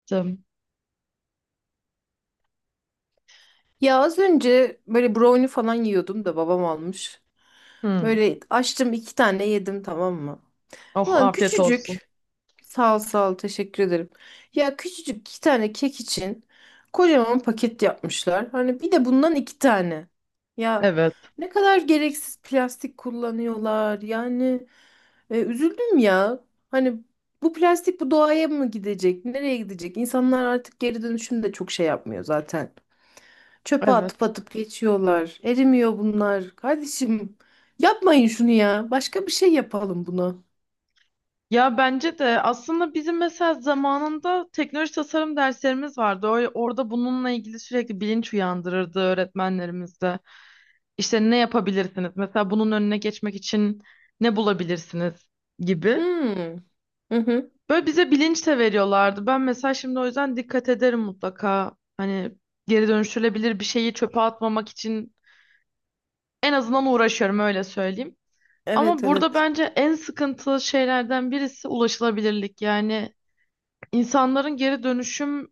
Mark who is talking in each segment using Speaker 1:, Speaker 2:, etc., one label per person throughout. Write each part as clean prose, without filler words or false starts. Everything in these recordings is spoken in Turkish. Speaker 1: Yaptım.
Speaker 2: Ya az önce böyle brownie falan yiyordum da babam almış.
Speaker 1: Hmm.
Speaker 2: Böyle açtım iki tane yedim tamam mı?
Speaker 1: Oh
Speaker 2: Ulan
Speaker 1: afiyet olsun.
Speaker 2: küçücük. Sağ ol sağ ol teşekkür ederim. Ya küçücük iki tane kek için kocaman paket yapmışlar. Hani bir de bundan iki tane. Ya
Speaker 1: Evet,
Speaker 2: ne kadar gereksiz plastik kullanıyorlar. Yani üzüldüm ya. Hani bu plastik bu doğaya mı gidecek? Nereye gidecek? İnsanlar artık geri dönüşüm de çok şey yapmıyor zaten. Çöpe atıp
Speaker 1: evet.
Speaker 2: atıp geçiyorlar. Erimiyor bunlar. Kardeşim yapmayın şunu ya. Başka bir şey yapalım buna.
Speaker 1: Ya bence de aslında bizim mesela zamanında teknoloji tasarım derslerimiz vardı. Orada bununla ilgili sürekli bilinç uyandırırdı öğretmenlerimiz de. İşte ne yapabilirsiniz? Mesela bunun önüne geçmek için ne bulabilirsiniz gibi.
Speaker 2: Hmm. Hı hı.
Speaker 1: Böyle bize bilinç de veriyorlardı. Ben mesela şimdi o yüzden dikkat ederim mutlaka. Hani geri dönüştürülebilir bir şeyi çöpe atmamak için en azından uğraşıyorum öyle söyleyeyim.
Speaker 2: Evet
Speaker 1: Ama burada
Speaker 2: evet.
Speaker 1: bence en sıkıntılı şeylerden birisi ulaşılabilirlik. Yani insanların geri dönüşüm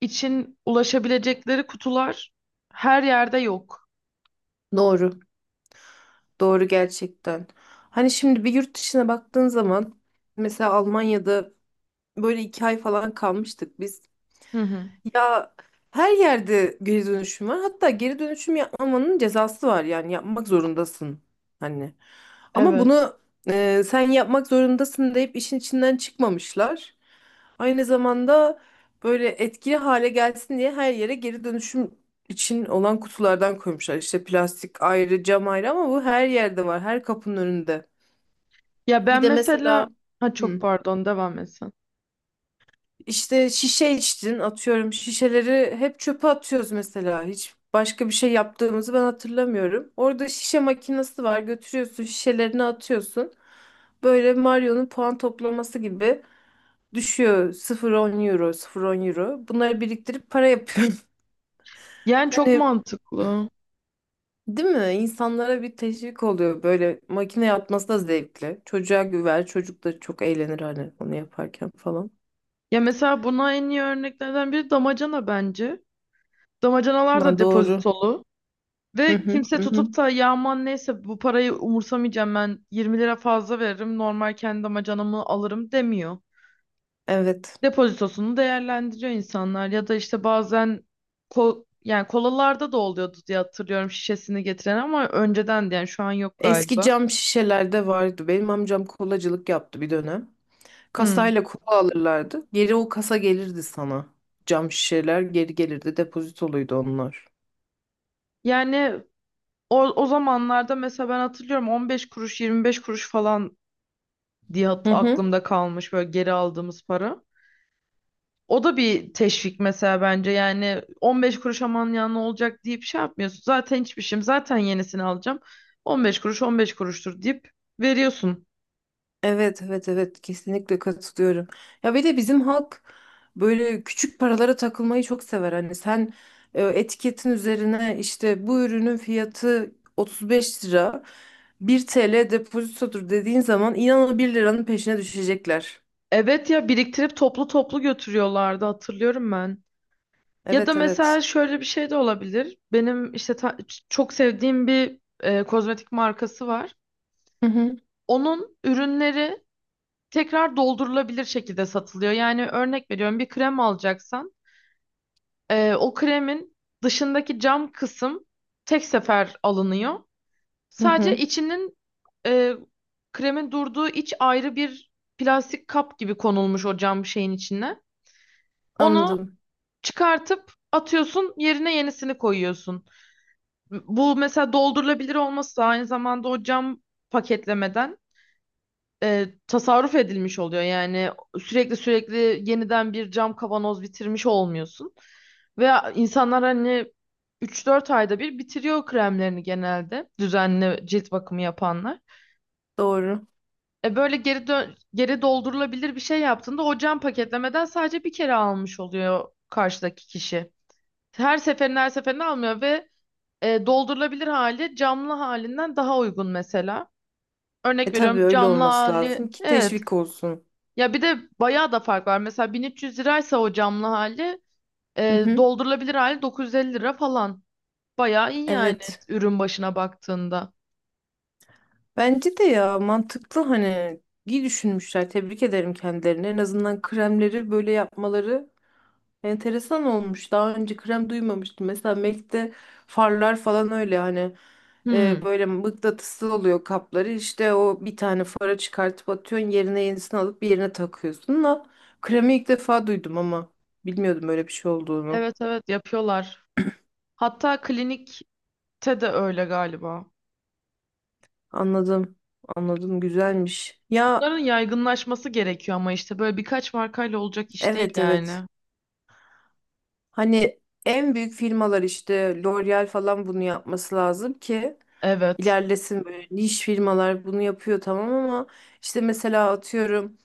Speaker 1: için ulaşabilecekleri kutular her yerde yok.
Speaker 2: Doğru. Doğru gerçekten. Hani şimdi bir yurt dışına baktığın zaman mesela Almanya'da böyle 2 ay falan kalmıştık biz.
Speaker 1: Hı hı.
Speaker 2: Ya her yerde geri dönüşüm var. Hatta geri dönüşüm yapmamanın cezası var, yani yapmak zorundasın. Hani ama
Speaker 1: Evet.
Speaker 2: bunu sen yapmak zorundasın deyip işin içinden çıkmamışlar. Aynı zamanda böyle etkili hale gelsin diye her yere geri dönüşüm için olan kutulardan koymuşlar. İşte plastik ayrı, cam ayrı ama bu her yerde var, her kapının önünde.
Speaker 1: Ya
Speaker 2: Bir
Speaker 1: ben
Speaker 2: de mesela.
Speaker 1: mesela ha çok
Speaker 2: Hı.
Speaker 1: pardon devam etsen.
Speaker 2: İşte şişe içtin, atıyorum şişeleri hep çöpe atıyoruz, mesela hiç başka bir şey yaptığımızı ben hatırlamıyorum. Orada şişe makinesi var, götürüyorsun şişelerini atıyorsun. Böyle Mario'nun puan toplaması gibi düşüyor, 0,10 euro, 0,10 euro, bunları biriktirip para yapıyorum.
Speaker 1: Yani çok
Speaker 2: Hani
Speaker 1: mantıklı.
Speaker 2: değil mi? İnsanlara bir teşvik oluyor, böyle makine atması da zevkli. Çocuğa güver, çocuk da çok eğlenir hani onu yaparken falan.
Speaker 1: Ya mesela buna en iyi örneklerden biri damacana bence. Damacanalar da
Speaker 2: Ha, doğru.
Speaker 1: depozitolu.
Speaker 2: Hı
Speaker 1: Ve
Speaker 2: hı,
Speaker 1: kimse
Speaker 2: hı hı.
Speaker 1: tutup da ya aman neyse bu parayı umursamayacağım ben 20 lira fazla veririm normal kendi damacanamı alırım demiyor.
Speaker 2: Evet.
Speaker 1: Depozitosunu değerlendiriyor insanlar ya da işte bazen yani kolalarda da oluyordu diye hatırlıyorum şişesini getiren ama önceden de yani şu an yok
Speaker 2: Eski
Speaker 1: galiba.
Speaker 2: cam şişelerde vardı. Benim amcam kolacılık yaptı bir dönem.
Speaker 1: Hı.
Speaker 2: Kasayla kola alırlardı. Geri o kasa gelirdi sana. Cam şişeler geri gelirdi. Depozitoluydu onlar.
Speaker 1: Yani o zamanlarda mesela ben hatırlıyorum 15 kuruş 25 kuruş falan diye
Speaker 2: Hı hı.
Speaker 1: aklımda kalmış böyle geri aldığımız para. O da bir teşvik mesela bence yani 15 kuruş aman ya ne olacak deyip şey yapmıyorsun. Zaten hiçbir şeyim zaten yenisini alacağım. 15 kuruş 15 kuruştur deyip veriyorsun.
Speaker 2: Evet evet evet, kesinlikle katılıyorum. Ya bir de bizim halk böyle küçük paralara takılmayı çok sever. Hani sen etiketin üzerine işte bu ürünün fiyatı 35 lira 1 TL depozitodur dediğin zaman inanın bir liranın peşine düşecekler.
Speaker 1: Evet ya biriktirip toplu toplu götürüyorlardı hatırlıyorum ben. Ya da
Speaker 2: Evet evet.
Speaker 1: mesela şöyle bir şey de olabilir. Benim işte çok sevdiğim bir kozmetik markası var.
Speaker 2: Hı hı.
Speaker 1: Onun ürünleri tekrar doldurulabilir şekilde satılıyor. Yani örnek veriyorum bir krem alacaksan o kremin dışındaki cam kısım tek sefer alınıyor.
Speaker 2: Hı
Speaker 1: Sadece
Speaker 2: hı,
Speaker 1: içinin e, kremin durduğu iç ayrı bir plastik kap gibi konulmuş o cam şeyin içine. Onu
Speaker 2: anladım.
Speaker 1: çıkartıp atıyorsun, yerine yenisini koyuyorsun. Bu mesela doldurulabilir olması da aynı zamanda o cam paketlemeden tasarruf edilmiş oluyor. Yani sürekli sürekli yeniden bir cam kavanoz bitirmiş olmuyorsun. Ve insanlar hani üç dört ayda bir bitiriyor kremlerini genelde düzenli cilt bakımı yapanlar.
Speaker 2: Doğru.
Speaker 1: Böyle geri doldurulabilir bir şey yaptığında o cam paketlemeden sadece bir kere almış oluyor karşıdaki kişi. Her seferinde her seferinde almıyor ve doldurulabilir hali camlı halinden daha uygun mesela.
Speaker 2: E
Speaker 1: Örnek veriyorum
Speaker 2: tabii öyle
Speaker 1: camlı
Speaker 2: olması
Speaker 1: hali
Speaker 2: lazım ki
Speaker 1: evet.
Speaker 2: teşvik olsun.
Speaker 1: Ya bir de bayağı da fark var. Mesela 1.300 liraysa o camlı hali
Speaker 2: Hı hı.
Speaker 1: doldurulabilir hali 950 lira falan. Bayağı iyi yani
Speaker 2: Evet.
Speaker 1: ürün başına baktığında.
Speaker 2: Bence de ya mantıklı, hani iyi düşünmüşler. Tebrik ederim kendilerini. En azından kremleri böyle yapmaları enteresan olmuş. Daha önce krem duymamıştım. Mesela Melk'te farlar falan öyle hani
Speaker 1: Hmm.
Speaker 2: böyle mıknatıslı oluyor kapları. İşte o bir tane fara çıkartıp atıyorsun, yerine yenisini alıp bir yerine takıyorsun da kremi ilk defa duydum ama bilmiyordum böyle bir şey olduğunu.
Speaker 1: Evet, evet, yapıyorlar. Hatta klinikte de öyle galiba.
Speaker 2: Anladım. Anladım. Güzelmiş. Ya
Speaker 1: Bunların yaygınlaşması gerekiyor ama işte böyle birkaç markayla olacak iş değil
Speaker 2: evet evet.
Speaker 1: yani.
Speaker 2: Hani en büyük firmalar işte L'Oreal falan bunu yapması lazım ki
Speaker 1: Evet.
Speaker 2: ilerlesin, böyle niş firmalar bunu yapıyor tamam ama işte mesela atıyorum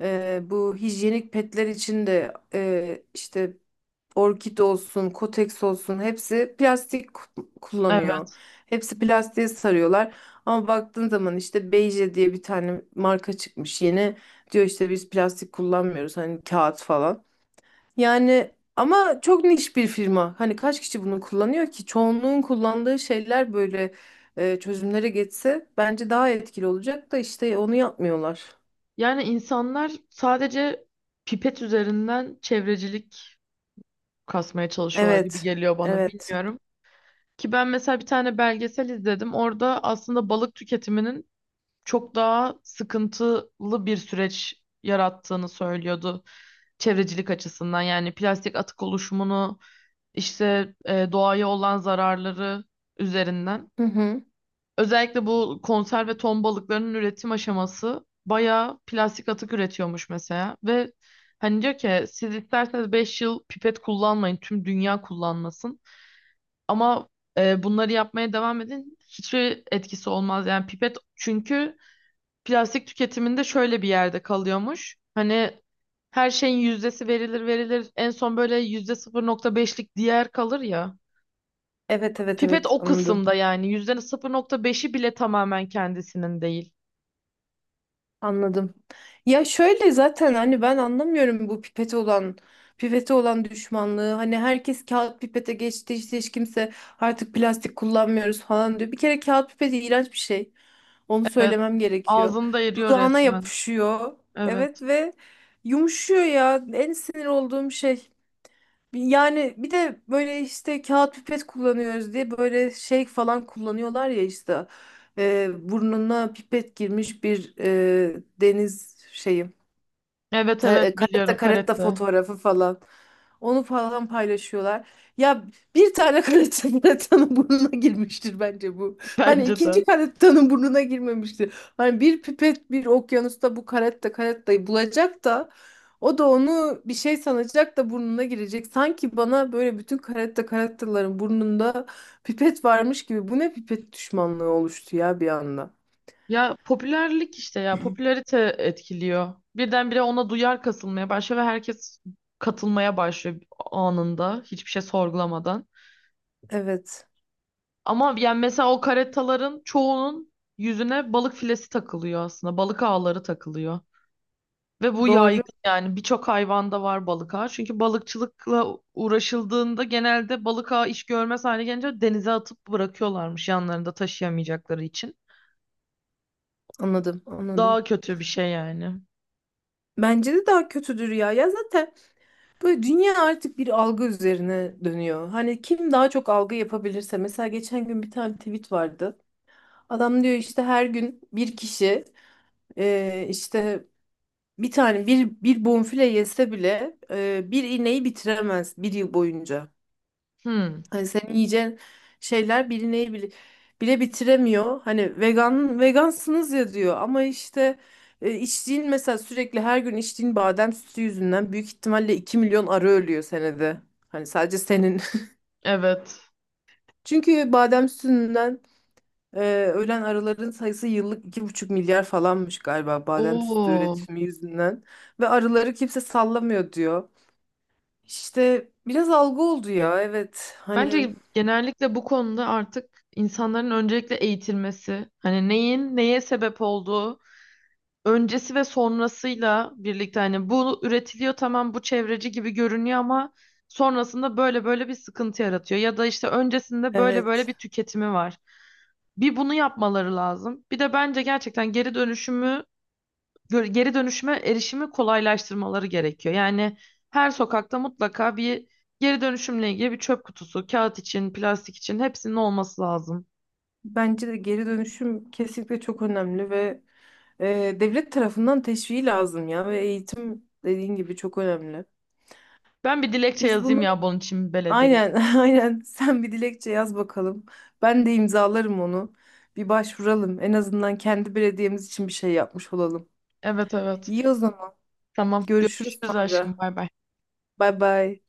Speaker 2: bu hijyenik petler için de işte Orkid olsun, Kotex olsun hepsi plastik kullanıyor.
Speaker 1: Evet.
Speaker 2: Hepsi plastiğe sarıyorlar. Ama baktığın zaman işte Beije diye bir tane marka çıkmış yeni. Diyor işte biz plastik kullanmıyoruz, hani kağıt falan. Yani ama çok niş bir firma. Hani kaç kişi bunu kullanıyor ki? Çoğunluğun kullandığı şeyler böyle çözümlere geçse bence daha etkili olacak da işte onu yapmıyorlar.
Speaker 1: Yani insanlar sadece pipet üzerinden çevrecilik kasmaya çalışıyorlar gibi
Speaker 2: Evet.
Speaker 1: geliyor bana
Speaker 2: Evet.
Speaker 1: bilmiyorum. Ki ben mesela bir tane belgesel izledim. Orada aslında balık tüketiminin çok daha sıkıntılı bir süreç yarattığını söylüyordu çevrecilik açısından. Yani plastik atık oluşumunu işte doğaya olan zararları üzerinden.
Speaker 2: Hı hı.
Speaker 1: Özellikle bu konserve ton balıklarının üretim aşaması bayağı plastik atık üretiyormuş mesela. Ve hani diyor ki siz isterseniz 5 yıl pipet kullanmayın, tüm dünya kullanmasın. Ama bunları yapmaya devam edin hiçbir etkisi olmaz. Yani pipet çünkü plastik tüketiminde şöyle bir yerde kalıyormuş. Hani her şeyin yüzdesi verilir verilir en son böyle %0,5'lik diğer kalır ya.
Speaker 2: Evet evet
Speaker 1: Pipet
Speaker 2: evet,
Speaker 1: o
Speaker 2: anladım.
Speaker 1: kısımda yani %0,5'i bile tamamen kendisinin değil.
Speaker 2: Anladım. Ya şöyle zaten hani ben anlamıyorum bu pipete olan düşmanlığı. Hani herkes kağıt pipete geçti, işte hiç kimse artık plastik kullanmıyoruz falan diyor. Bir kere kağıt pipeti iğrenç bir şey. Onu
Speaker 1: Evet.
Speaker 2: söylemem gerekiyor.
Speaker 1: Ağzını da eriyor
Speaker 2: Dudağına
Speaker 1: resmen.
Speaker 2: yapışıyor. Evet
Speaker 1: Evet.
Speaker 2: ve yumuşuyor ya. En sinir olduğum şey. Yani bir de böyle işte kağıt pipet kullanıyoruz diye böyle şey falan kullanıyorlar ya işte burnuna pipet girmiş bir deniz şeyi,
Speaker 1: Evet, evet,
Speaker 2: Karetta
Speaker 1: biliyorum
Speaker 2: karetta
Speaker 1: karate.
Speaker 2: fotoğrafı falan. Onu falan paylaşıyorlar. Ya bir tane karetta karettanın burnuna girmiştir bence bu. Hani
Speaker 1: Bence de.
Speaker 2: ikinci karettanın burnuna girmemiştir. Hani bir pipet bir okyanusta bu karetta karettayı bulacak da o da onu bir şey sanacak da burnuna girecek. Sanki bana böyle bütün karetta karettaların burnunda pipet varmış gibi. Bu ne pipet düşmanlığı oluştu ya bir anda.
Speaker 1: Ya popülerlik işte ya popülarite etkiliyor. Birdenbire ona duyar kasılmaya başlıyor ve herkes katılmaya başlıyor anında hiçbir şey sorgulamadan.
Speaker 2: Evet.
Speaker 1: Ama yani mesela o karetaların çoğunun yüzüne balık filesi takılıyor aslında. Balık ağları takılıyor. Ve bu
Speaker 2: Doğru.
Speaker 1: yaygın yani birçok hayvanda var balık ağı. Çünkü balıkçılıkla uğraşıldığında genelde balık ağı iş görmez hale gelince denize atıp bırakıyorlarmış yanlarında taşıyamayacakları için.
Speaker 2: Anladım,
Speaker 1: Daha
Speaker 2: anladım.
Speaker 1: kötü bir şey yani.
Speaker 2: Bence de daha kötüdür ya. Ya zaten böyle dünya artık bir algı üzerine dönüyor. Hani kim daha çok algı yapabilirse. Mesela geçen gün bir tane tweet vardı. Adam diyor işte her gün bir kişi işte bir tane bir bonfile yese bile bir ineği bitiremez bir yıl boyunca.
Speaker 1: Hmm,
Speaker 2: Hani senin yiyeceğin şeyler bilineyi bile bitiremiyor. Hani vegan vegansınız ya diyor ama işte içtiğin mesela sürekli her gün içtiğin badem sütü yüzünden büyük ihtimalle 2 milyon arı ölüyor senede. Hani sadece senin.
Speaker 1: evet.
Speaker 2: Çünkü badem sütünden e, ölen arıların sayısı yıllık 2,5 milyar falanmış galiba, badem sütü
Speaker 1: Oo.
Speaker 2: üretimi yüzünden. Ve arıları kimse sallamıyor diyor. İşte biraz algı oldu ya, evet. Hani
Speaker 1: Bence genellikle bu konuda artık insanların öncelikle eğitilmesi, hani neyin neye sebep olduğu öncesi ve sonrasıyla birlikte hani bu üretiliyor tamam bu çevreci gibi görünüyor ama sonrasında böyle böyle bir sıkıntı yaratıyor ya da işte öncesinde böyle böyle
Speaker 2: evet.
Speaker 1: bir tüketimi var. Bir bunu yapmaları lazım. Bir de bence gerçekten geri dönüşümü geri dönüşüme erişimi kolaylaştırmaları gerekiyor. Yani her sokakta mutlaka bir geri dönüşümle ilgili bir çöp kutusu, kağıt için, plastik için hepsinin olması lazım.
Speaker 2: Bence de geri dönüşüm kesinlikle çok önemli ve devlet tarafından teşviği lazım ya, ve eğitim dediğin gibi çok önemli.
Speaker 1: Ben bir dilekçe
Speaker 2: Biz bunu
Speaker 1: yazayım ya bunun için belediyeye.
Speaker 2: aynen aynen sen bir dilekçe yaz bakalım. Ben de imzalarım onu. Bir başvuralım. En azından kendi belediyemiz için bir şey yapmış olalım.
Speaker 1: Evet, evet.
Speaker 2: İyi o zaman.
Speaker 1: Tamam.
Speaker 2: Görüşürüz
Speaker 1: Görüşürüz
Speaker 2: sonra.
Speaker 1: aşkım. Bay bay.
Speaker 2: Bay bay.